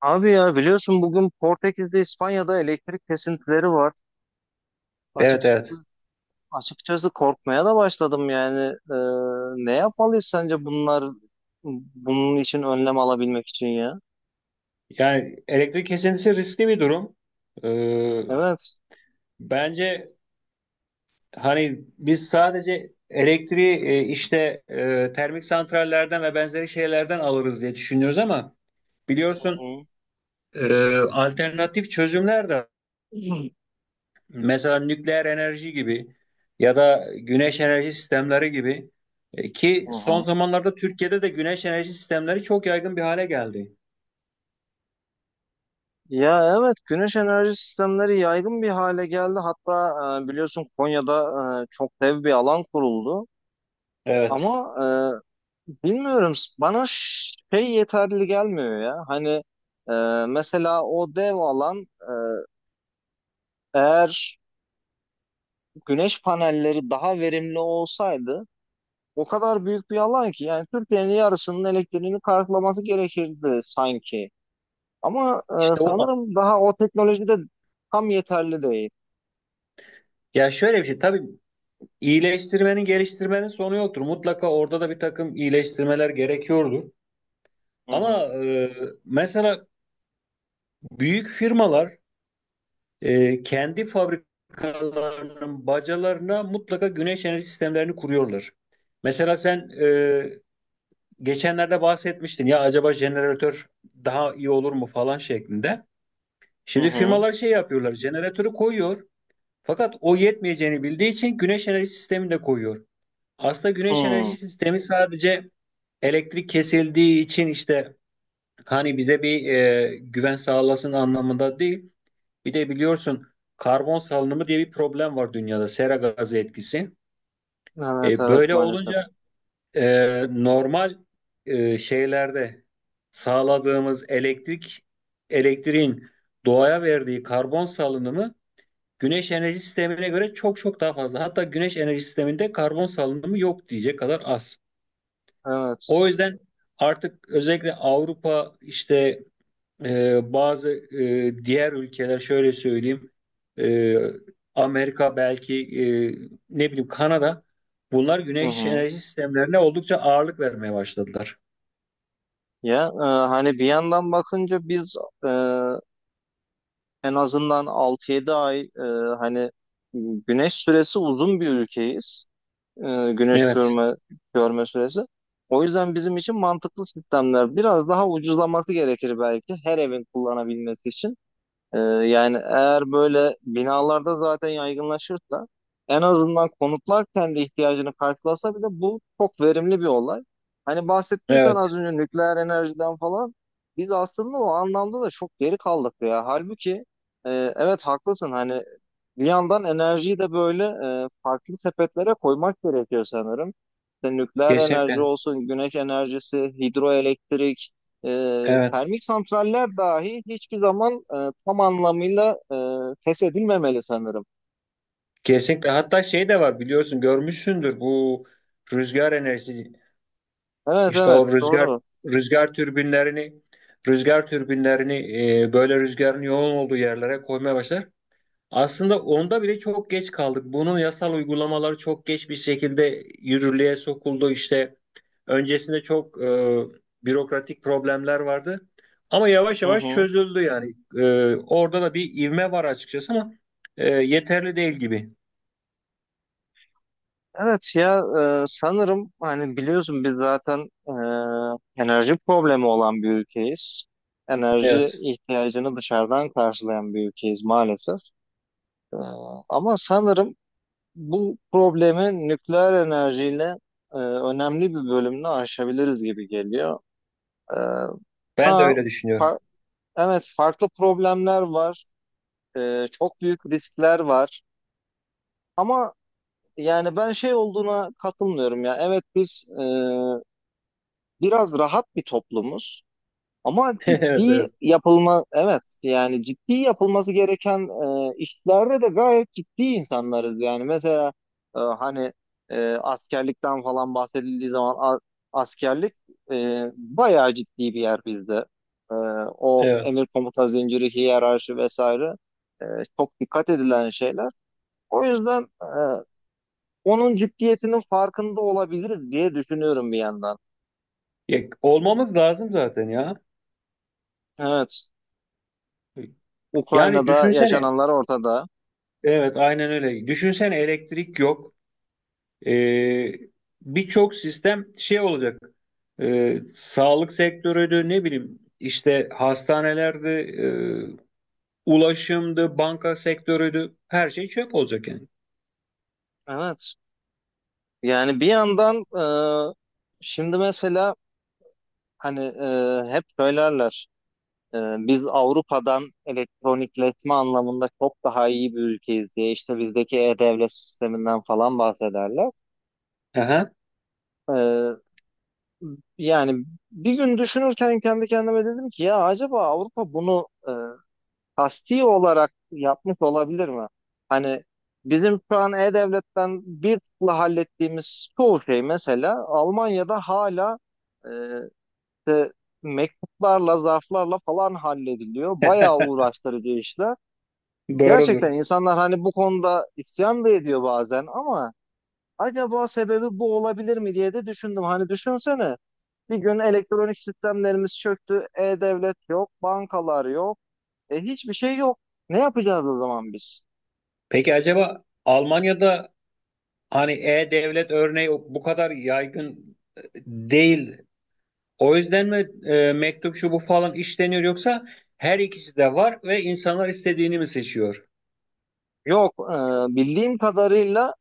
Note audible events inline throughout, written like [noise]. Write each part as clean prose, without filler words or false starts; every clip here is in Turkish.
Abi ya biliyorsun bugün Portekiz'de İspanya'da elektrik kesintileri var. Evet, Açıkçası evet. açıkçası korkmaya da başladım yani. Ee, ne yapmalıyız sence bunlar bunun için önlem alabilmek için ya? Yani elektrik kesintisi riskli bir durum. Ee, Evet. Bence hani biz sadece elektriği işte termik santrallerden ve benzeri şeylerden alırız diye düşünüyoruz ama Hı biliyorsun, hı. e, alternatif çözümler de var. Mesela nükleer enerji gibi ya da güneş enerji sistemleri gibi. Ki Hı son hı. zamanlarda Türkiye'de de güneş enerji sistemleri çok yaygın bir hale geldi. Ya, evet, güneş enerji sistemleri yaygın bir hale geldi. Hatta biliyorsun Konya'da çok dev bir alan kuruldu. Evet. Ama bilmiyorum, bana şey yeterli gelmiyor ya. Hani mesela o dev alan eğer güneş panelleri daha verimli olsaydı o kadar büyük bir alan ki yani Türkiye'nin yarısının elektriğini karşılaması gerekirdi sanki. Ama İşte o, sanırım daha o teknolojide tam yeterli değil. ya şöyle bir şey tabii. İyileştirmenin, geliştirmenin sonu yoktur. Mutlaka orada da bir takım iyileştirmeler gerekiyordur. Hı Ama hı, mesela büyük firmalar, kendi fabrikalarının bacalarına mutlaka güneş enerji sistemlerini kuruyorlar. Mesela sen geçenlerde bahsetmiştin ya, acaba jeneratör daha iyi olur mu falan şeklinde. hı Şimdi hı, firmalar şey yapıyorlar, jeneratörü koyuyor. Fakat o yetmeyeceğini bildiği için güneş enerji sistemini de koyuyor. Aslında güneş enerji hı. sistemi sadece elektrik kesildiği için işte hani bize bir güven sağlasın anlamında değil. Bir de biliyorsun, karbon salınımı diye bir problem var dünyada, sera gazı etkisi. Evet, evet, Böyle maalesef. olunca normal şeylerde sağladığımız elektriğin doğaya verdiği karbon salınımı güneş enerji sistemine göre çok çok daha fazla. Hatta güneş enerji sisteminde karbon salınımı yok diyecek kadar az. Evet. O yüzden artık özellikle Avrupa, işte bazı diğer ülkeler şöyle söyleyeyim, e, Amerika belki, ne bileyim Kanada, bunlar Hı güneş hı. enerji sistemlerine oldukça ağırlık vermeye başladılar. Ya, hani bir yandan bakınca biz e, en azından 6-7 ay hani güneş süresi uzun bir ülkeyiz. Güneş Evet, görme süresi. O yüzden bizim için mantıklı sistemler biraz daha ucuzlaması gerekir, belki her evin kullanabilmesi için. Yani eğer böyle binalarda zaten yaygınlaşırsa en azından konutlar kendi ihtiyacını karşılasa bile bu çok verimli bir olay. Hani bahsettin sen evet, az önce nükleer enerjiden falan. Biz aslında o anlamda da çok geri kaldık ya. Halbuki evet, haklısın, hani bir yandan enerjiyi de böyle farklı sepetlere koymak gerekiyor sanırım. İşte nükleer enerji kesinlikle, olsun, güneş enerjisi, hidroelektrik, e, evet, termik santraller dahi hiçbir zaman tam anlamıyla feshedilmemeli sanırım. kesinlikle. Hatta şey de var, biliyorsun, görmüşsündür bu rüzgar enerjisi. Evet, İşte evet, o doğru. rüzgar türbinlerini rüzgar türbinlerini böyle rüzgarın yoğun olduğu yerlere koymaya başlar. Aslında onda bile çok geç kaldık. Bunun yasal uygulamaları çok geç bir şekilde yürürlüğe sokuldu. İşte öncesinde çok bürokratik problemler vardı. Ama yavaş Hı yavaş hı. çözüldü yani. Orada da bir ivme var açıkçası ama yeterli değil gibi. Evet ya, sanırım hani biliyorsun biz zaten enerji problemi olan bir ülkeyiz. Enerji Evet. ihtiyacını dışarıdan karşılayan bir ülkeyiz maalesef. E, ama sanırım bu problemi nükleer enerjiyle önemli bir bölümünü aşabiliriz gibi geliyor. E, Ben de ha, öyle düşünüyorum. fa- evet, farklı problemler var. Çok büyük riskler var. Ama yani ben şey olduğuna katılmıyorum ya. Evet, biz biraz rahat bir toplumuz. Ama [laughs] Evet, evet, evet, yani ciddi yapılması gereken işlerde de gayet ciddi insanlarız yani. Mesela hani askerlikten falan bahsedildiği zaman askerlik e, bayağı ciddi bir yer bizde. E, o evet. emir komuta zinciri, hiyerarşi vesaire e, çok dikkat edilen şeyler. O yüzden onun ciddiyetinin farkında olabiliriz diye düşünüyorum bir yandan. Ya, olmamız lazım zaten ya. Evet, Yani Ukrayna'da düşünsene. yaşananlar ortada. Evet, aynen öyle. Düşünsene, elektrik yok. E, Birçok sistem şey olacak. Sağlık sektörüydü, ne bileyim işte hastanelerde, ulaşımdı, banka sektörüydü. Her şey çöp olacak yani. Evet. Yani bir yandan e, şimdi mesela hani hep söylerler biz Avrupa'dan elektronikleşme anlamında çok daha iyi bir ülkeyiz diye işte bizdeki e-devlet sisteminden falan bahsederler. Aha, E, yani bir gün düşünürken kendi kendime dedim ki ya acaba Avrupa bunu kasti olarak yapmış olabilir mi? Hani bizim şu an e-devletten bir tıkla hallettiğimiz çoğu şey mesela Almanya'da hala İşte mektuplarla, zarflarla falan hallediliyor. Bayağı uğraştırıcı işler. doğrudur. Gerçekten insanlar hani bu konuda isyan da ediyor bazen ama acaba sebebi bu olabilir mi diye de düşündüm. Hani düşünsene, bir gün elektronik sistemlerimiz çöktü, e-devlet yok, bankalar yok, hiçbir şey yok. Ne yapacağız o zaman biz? Peki acaba Almanya'da hani e-devlet örneği bu kadar yaygın değil. O yüzden mi mektup, şu bu falan işleniyor, yoksa her ikisi de var ve insanlar istediğini mi seçiyor? Yok, bildiğim kadarıyla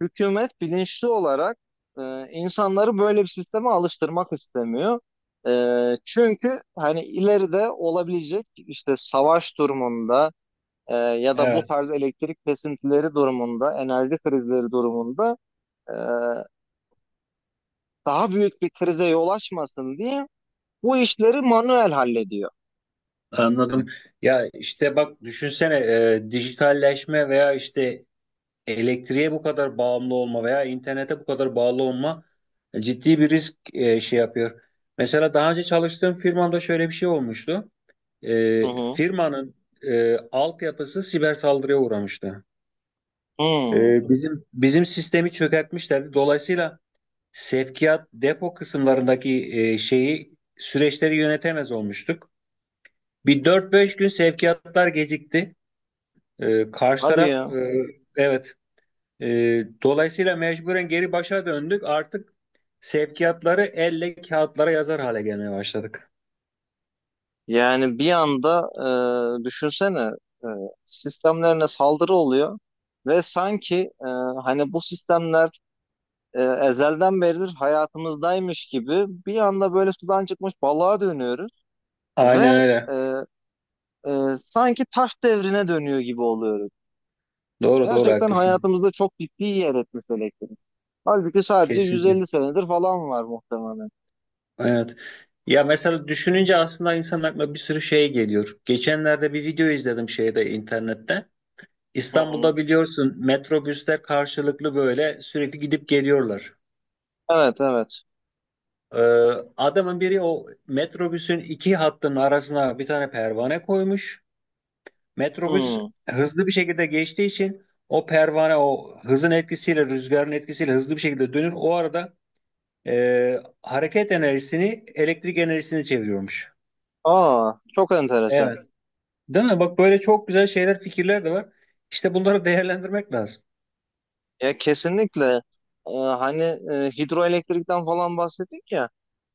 hükümet bilinçli olarak insanları böyle bir sisteme alıştırmak istemiyor. Çünkü hani ileride olabilecek işte savaş durumunda ya da bu Evet. tarz elektrik kesintileri durumunda, enerji krizleri durumunda e, daha büyük bir krize yol açmasın diye bu işleri manuel hallediyor. Anladım. Ya işte bak, düşünsene, dijitalleşme veya işte elektriğe bu kadar bağımlı olma veya internete bu kadar bağlı olma ciddi bir risk, şey yapıyor. Mesela daha önce çalıştığım firmamda şöyle bir şey olmuştu. Hı hı. Firmanın altyapısı siber saldırıya uğramıştı. Hı. Bizim sistemi çökertmişlerdi. Dolayısıyla sevkiyat, depo kısımlarındaki şeyi, süreçleri yönetemez olmuştuk. Bir dört beş gün sevkiyatlar gecikti. Karşı Hadi taraf, ya. Evet. Dolayısıyla mecburen geri başa döndük. Artık sevkiyatları elle kağıtlara yazar hale gelmeye başladık. Yani bir anda düşünsene e, sistemlerine saldırı oluyor ve sanki e, hani bu sistemler ezelden beridir hayatımızdaymış gibi bir anda böyle sudan çıkmış balığa dönüyoruz Aynen ve öyle. E, sanki taş devrine dönüyor gibi oluyoruz. Doğru doğru, Gerçekten haklısın. hayatımızda çok ciddi yer etmiş elektrik. Halbuki sadece Kesinlikle. 150 senedir falan var muhtemelen. Evet. Ya mesela düşününce aslında insanın aklına bir sürü şey geliyor. Geçenlerde bir video izledim şeyde, internette. Hı hı. İstanbul'da biliyorsun metrobüsler karşılıklı böyle sürekli gidip geliyorlar. Evet, evet. Ee, Adamın biri o metrobüsün iki hattının arasına bir tane pervane koymuş. Metrobüs Hı. hızlı bir şekilde geçtiği için o pervane o hızın etkisiyle, rüzgarın etkisiyle hızlı bir şekilde dönür. O arada hareket enerjisini elektrik enerjisine çeviriyormuş. Aa, çok enteresan. Evet. Değil mi? Bak böyle çok güzel şeyler, fikirler de var. İşte bunları [laughs] değerlendirmek lazım. Ya, kesinlikle. Hani hidroelektrikten falan bahsettik ya,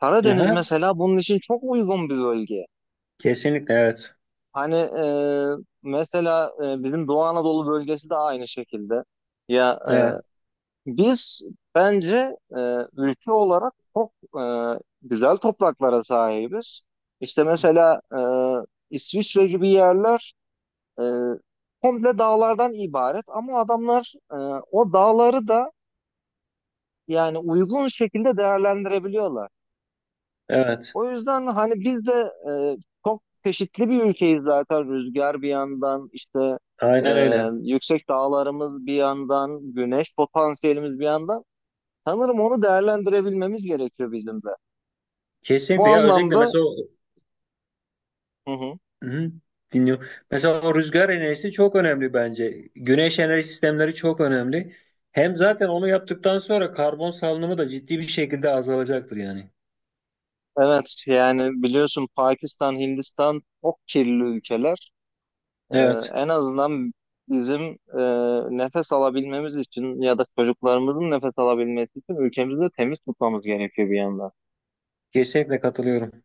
Karadeniz Aha, mesela bunun için çok uygun bir bölge. kesinlikle, evet. Hani mesela bizim Doğu Anadolu bölgesi de aynı şekilde. Ya, Evet. Biz bence ülke olarak çok e, güzel topraklara sahibiz. İşte mesela İsviçre gibi yerler e, komple dağlardan ibaret ama adamlar o dağları da yani uygun şekilde değerlendirebiliyorlar. Evet. O yüzden hani biz de e, çok çeşitli bir ülkeyiz zaten. Rüzgar bir yandan, işte e, Aynen öyle. yüksek dağlarımız bir yandan, güneş potansiyelimiz bir yandan. Sanırım onu değerlendirebilmemiz gerekiyor bizim de. Bu Kesinlikle ya, özellikle anlamda. mesela o, Hı hı, hı, dinliyorum. Mesela o rüzgar enerjisi çok önemli bence. Güneş enerji sistemleri çok önemli. Hem zaten onu yaptıktan sonra karbon salınımı da ciddi bir şekilde azalacaktır yani. evet, yani biliyorsun Pakistan, Hindistan çok kirli ülkeler. Ee, Evet, en azından bizim e, nefes alabilmemiz için ya da çocuklarımızın nefes alabilmesi için ülkemizi de temiz tutmamız gerekiyor bir yandan. kesinlikle katılıyorum.